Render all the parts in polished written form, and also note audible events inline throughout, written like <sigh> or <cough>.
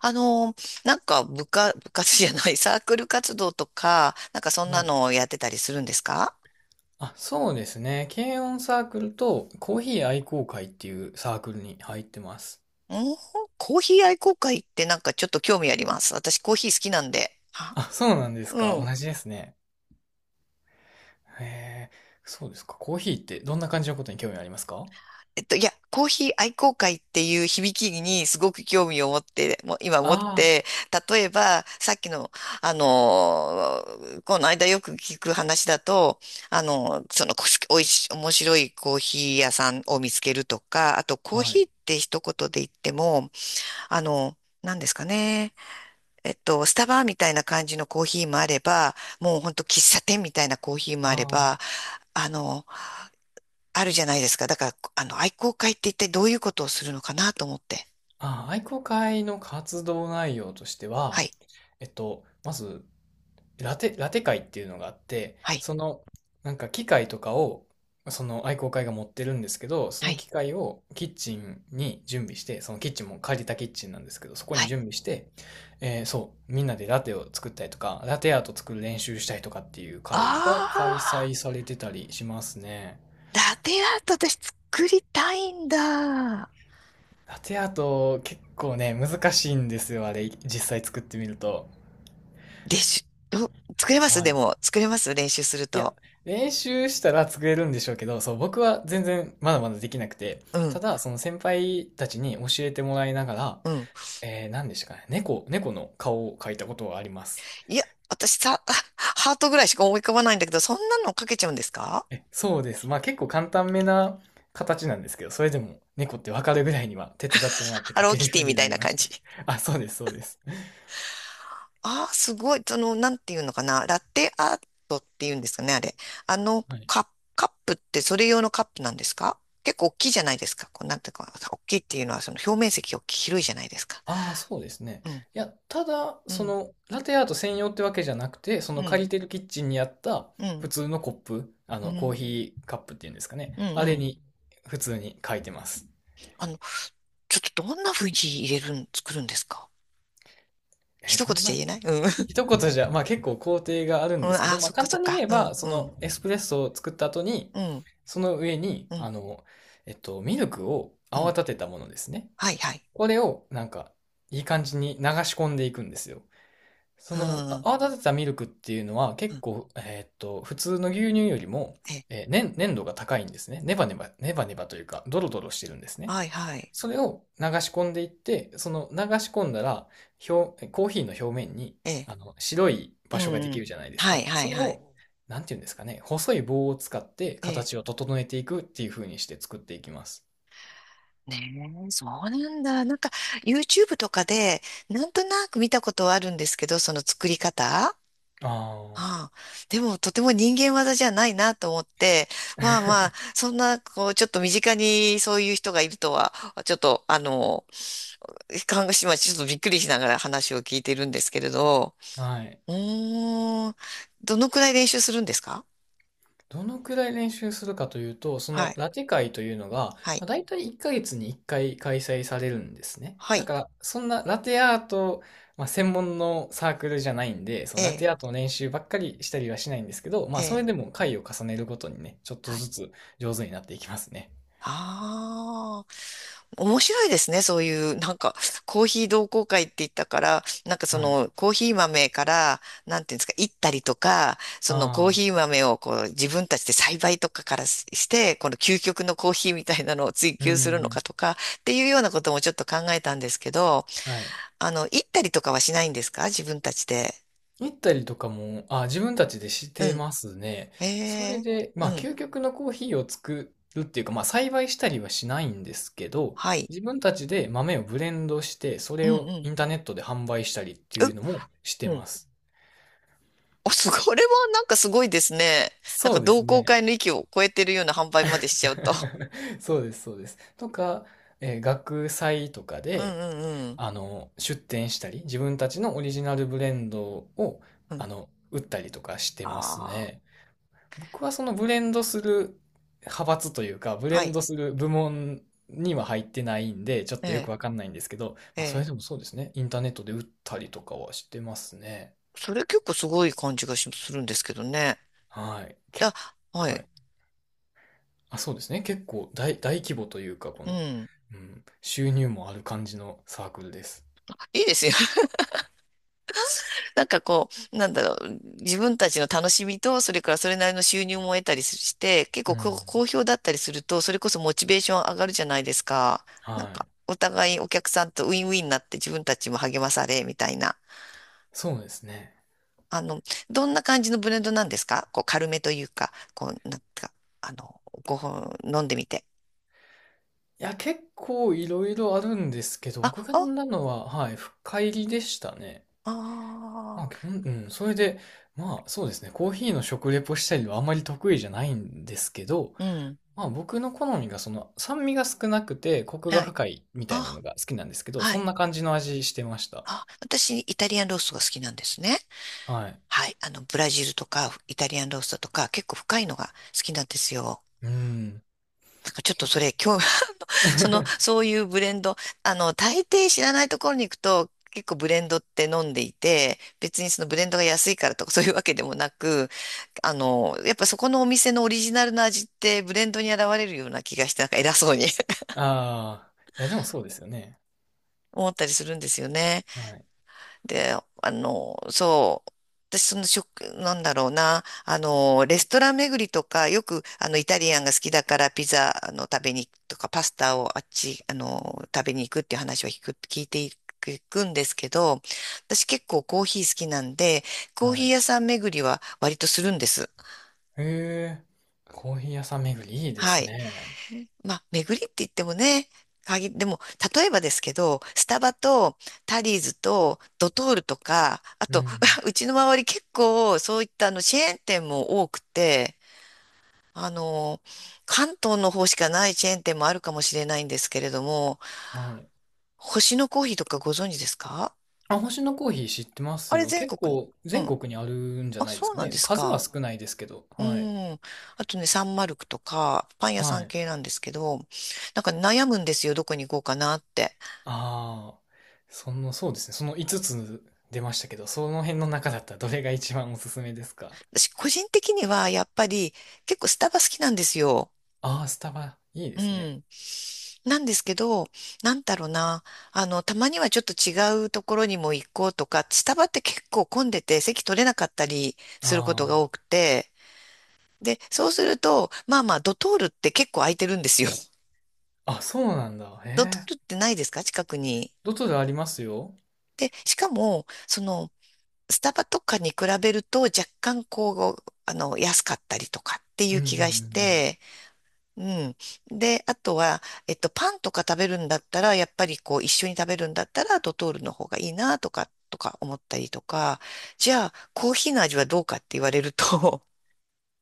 あの、なんか部活、部活じゃない、サークル活動とか、なんかそんはない。のをやってたりするんですか？あ、そうですね。軽音サークルとコーヒー愛好会っていうサークルに入ってます。うん、コーヒー愛好会ってなんかちょっと興味あります。私コーヒー好きなんで。はあ、そうなんですうか。同ん。じですね。へえ、そうですか。コーヒーってどんな感じのことに興味ありますか？いや、コーヒー愛好会っていう響きにすごく興味を持って、もう今持っあて、例えば、さっきの、あのーこの間よく聞く話だと、あのーその、こおいし、面白いコーヒー屋さんを見つけるとか、あと、コあーはヒい。ーって一言で言っても、なんですかね。スタバみたいな感じのコーヒーもあれば、もうほんと喫茶店みたいなコーヒーもああれーば、あの、あるじゃないですか。だから、愛好会って一体どういうことをするのかなと思って。あー、愛好会の活動内容としてはは、い、まずラテ会っていうのがあって、はい、その、なんか機械とかを、その愛好会が持ってるんですけど、そはのい、機械をキッチンに準備して、そのキッチンも借りたキッチンなんですけど、そこはにい。準備して、そう、みんなでラテを作ったりとか、ラテアート作る練習したりとかっていうあ会が開あ、催されてたりしますね。ラテアート私作りたいんだ。ラテアート結構ね、難しいんですよ、あれ、実際作ってみると。練習、うん、作れますはでい。も、作れます練習するいや、と。練習したら作れるんでしょうけど、そう、僕は全然まだまだできなくて、うたん、だ、その先輩たちに教えてもらいながら、うん。何でしたかね、猫の顔を描いたことがあります。いや、私さ、<laughs> ハートぐらいしか思い浮かばないんだけど、そんなのかけちゃうんですか？え、そうです。まあ結構簡単めな形なんですけど、それでも猫ってわかるぐらいには手伝ってもらってハ描ローけるキよテうィみにたないりなまし感た。じ。あ、そうです、そうです。ああ、すごい。その、なんていうのかな。ラテアートっていうんですかね、あれ。あの、はいカップ、カップってそれ用のカップなんですか？結構大きいじゃないですか。こう、なんていうか、大きいっていうのは、その表面積大きい、広いじゃないですか。ああ、そうですね。うん、いや、ただ、うん、ラテアート専用ってわけじゃなくて、そうの借りん、てるキッチンにあったう普ん、通のコップ、うコーん、ヒーカップっていうんですかうん、ね。うあれん。に、普通に書いてます。あの、ちょっとどんな風に入れるん、作るんですか？一ど言んじゃな、言えないうん。<laughs> 一言じゃ、まあ結構工程があるんうん、ですけあど、あ、まあそっか簡そっ単にか。言えうば、ん、そうん、のエスプレッソを作った後に、うん、その上に、うん、ミルクをう泡ん。立てたものですね。はい、はい。これを、なんか、いい感じに流し込んでいくんですよ。うん、うん、泡立てたミルクっていうのはう結ん。構、普通の牛乳よりも、え、粘粘度が高いんですね。ネバネバ、ネバネバというか、ドロドロしてるんですね。はい、はい。それを流し込んでいって、その流し込んだら、コーヒーの表面に、え、白いう場所がでん、うきん。るじゃないですはい、か。はそい、れはい。を、なんていうんですかね、細い棒を使ってえ形え、を整えていくっていう風にして作っていきます。ねえ、そうなんだ。なんか、YouTube とかで、なんとなく見たことはあるんですけど、その作り方。あああ、でも、とても人間技じゃないなと思って、まあまあ、そんな、こう、ちょっと身近にそういう人がいるとは、ちょっと、看護師はちょっとびっくりしながら話を聞いてるんですけれど、あ、はい。うーん、どのくらい練習するんですか？どのくらい練習するかというと、そはのい、ラテ会というのが、はまい、あ、大体1ヶ月に1回開催されるんですね。はだい、から、そんなラテアート、まあ、専門のサークルじゃないんで、そえのラテえ、アートの練習ばっかりしたりはしないんですけど、まえあ、それえ、でも回を重ねるごとにね、ちょっとはずい。つ上手になっていきますね。ああ。面白いですね。そういう、なんか、コーヒー同好会って言ったから、なんかそはい。の、コーヒー豆から、なんていうんですか、いったりとか、そのコーああ、ヒー豆をこう、自分たちで栽培とかからしして、この究極のコーヒーみたいなのを追う求するのん。かとか、っていうようなこともちょっと考えたんですけど、はい。いったりとかはしないんですか自分たちで。行ったりとかも、あ、自分たちでしうてん。ますね。えそれえ、で、うまあ、ん。究極のコーヒーを作るっていうか、まあ、栽培したりはしないんですけど、はい。自分たちで豆をブレンドして、そうんれをうん。インターネットで販売したりっていう、うのもしてうまん。す。お、<laughs> すごい、これはなんかすごいですね。なんそかうです同好ね。会の域を超えてるような販売までしちゃうと。<laughs> そうです、そうです。とか、学祭とかうんで、うんうん。出店したり、自分たちのオリジナルブレンドを、うん、売ったりとかしてますああ、ね。僕はそのブレンドする派閥というか、ブレはンい。ドする部門には入ってないんで、ちょっえとよえ、くわかんないんですけど、えまあ、そえ。れでもそうですね。インターネットで売ったりとかはしてますね。それ結構すごい感じがしするんですけどね。はい。だ、ははい。い。あ、そうですね。結構大規模というか、こうの、ん。うん、収入もある感じのサークルです。いいですよ。<laughs> なんかこう、なんだろう。自分たちの楽しみと、それからそれなりの収入も得たりして、結う構こうん。好評だったりすると、それこそモチベーション上がるじゃないですか。なんはか、い。お互いお客さんとウィンウィンになって自分たちも励まされ、みたいな。そうですね。あの、どんな感じのブレンドなんですか？こう、軽めというか、こう、なんか、あの、ごほん飲んでみて。いや、結構いろいろあるんですけど、あ、僕が飲あ、んだのは、はい、深入りでしたね。まああ、基あ、本、うん、それで、まあ、そうですね、コーヒーの食レポしたりはあまり得意じゃないんですけど、うん、まあ、僕の好みが、その、酸味が少なくて、コクがはい。深いみたいなあ、のが好きなんですけど、はそんい。な感じの味してました。あ、私、イタリアンローストが好きなんですね。はい。はい。ブラジルとか、イタリアンローストとか、結構深いのが好きなんですよ。うん。なんかちょっとそれ、今日、<laughs> その、そ <laughs> ういうブレンド、大抵知らないところに行くと、結構ブレンドって飲んでいて、別にそのブレンドが安いからとかそういうわけでもなく、やっぱそこのお店のオリジナルの味ってブレンドに現れるような気がして、なんか偉そうに <laughs> ああ、いや、でもそうですよね。思ったりするんですよね。はい。で、そう。私、その食、なんだろうな、レストラン巡りとか、よく、イタリアンが好きだから、ピザ、食べに行くとか、パスタをあっち、あの、食べに行くっていう話は聞く、聞いていく、いくんですけど、私結構コーヒー好きなんで、コーヒはーい。屋さん巡りは割とするんです。へえ、コーヒー屋さん巡りいいではすい。ね。まあ、巡りって言ってもね、限でも、例えばですけど、スタバとタリーズとドトールとか、あうと、ん。<laughs> うちの周り結構そういったあのチェーン店も多くて、あの、関東の方しかないチェーン店もあるかもしれないんですけれども、はい。星のコーヒーとかご存知ですか？あ、星野コーヒー知ってまあすれよ。全結国構の、う全ん。国にあるんじゃあ、ないですそうかなんでね。す数はか。少ないですけど。うはい。ん。あとね、サンマルクとか、パン屋はさんい。系なんですけど、なんか悩むんですよ、どこに行こうかなって。ああ、そうですね。その5つつ出ましたけど、その辺の中だったらどれが一番おすすめですか？私、個人的にはやっぱり結構スタバ好きなんですよ。ああー、スタバ、いいでうすね。ん。なんですけど、なんだろうな。たまにはちょっと違うところにも行こうとか、スタバって結構混んでて席取れなかったりすることがあ多くて、で、そうすると、まあまあ、ドトールって結構空いてるんですよ。<laughs> あ、あ、そうなんだ。へドトーえ。ルってないですか近くに。どとでありますよ。で、しかも、その、スタバとかに比べると若干こう、安かったりとかっていうんううんうん気うがしん。て、うん。で、あとは、パンとか食べるんだったら、やっぱりこう、一緒に食べるんだったら、ドトールの方がいいな、とか思ったりとか、じゃあ、コーヒーの味はどうかって言われると、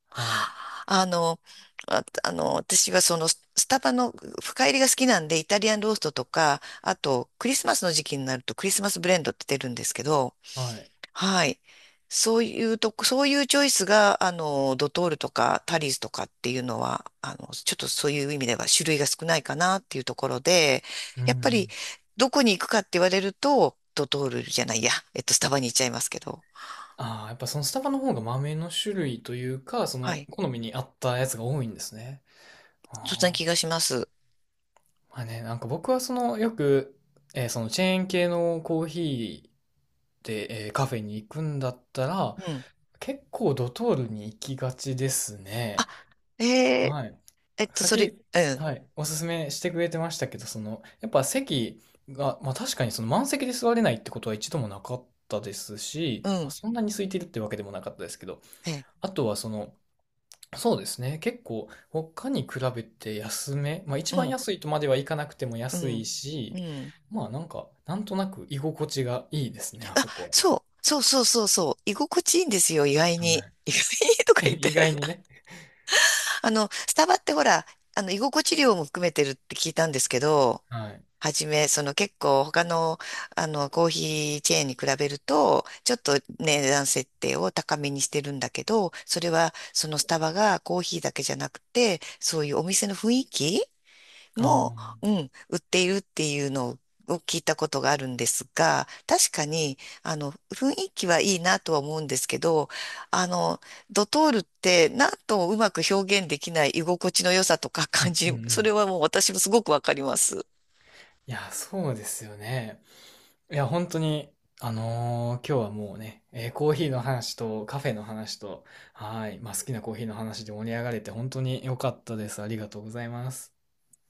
はい。<laughs> あの、私はその、ススタバの深入りが好きなんで、イタリアンローストとか、あと、クリスマスの時期になると、クリスマスブレンドって出るんですけど、はい。はい。そういうとこ、そういうチョイスが、ドトールとかタリーズとかっていうのは、ちょっとそういう意味では種類が少ないかなっていうところで、うんうやっぱり、ん。どこに行くかって言われると、ドトールじゃないや、えっと、スタバに行っちゃいますけど、ああ、やっぱそのスタバの方が豆の種類というか、そはのい。好みに合ったやつが多いんですね。そんなあ気あ。がします。まあね、なんか僕はその、よく、そのチェーン系のコーヒーで、カフェに行くんだったら、うん。結構ドトールに行きがちですね。あ、えー、はい。えっと、さっそれ、き、うん、はい、おすすめしてくれてましたけど、その、やっぱ席が、まあ確かにその満席で座れないってことは一度もなかったですし、うまあ、ん、そんなに空いてるってわけでもなかったですけど、えあとはその、そうですね、結構他に比べて安め、まあ一ー、う番ん、安いとまではいかなくてもう安いん、うし、ん。まあなんか、なんとなく居心地がいいですね、ああ、そこそうそうそうそう、居心地いいんですよ、意外は。はに。い。意外にとか言っ <laughs> て。意外にね。スタバってほら、居心地料も含めてるって聞いたんですけど、はい。はじめ、その結構他の、コーヒーチェーンに比べると、ちょっとね値段設定を高めにしてるんだけど、それはそのスタバがコーヒーだけじゃなくて、そういうお店の雰囲気あも、うあ。ん、売っているっていうのを聞いたことがあるんですが、確かに、雰囲気はいいなとは思うんですけど、あの、ドトールってなんともうまく表現できない居心地の良さとかう感んうんじ、うそれん。はもう私もすごくわかります。いや、そうですよね。いや、本当に、今日はもうね、コーヒーの話とカフェの話と、はい、まあ、好きなコーヒーの話で盛り上がれて本当に良かったです。ありがとうございます。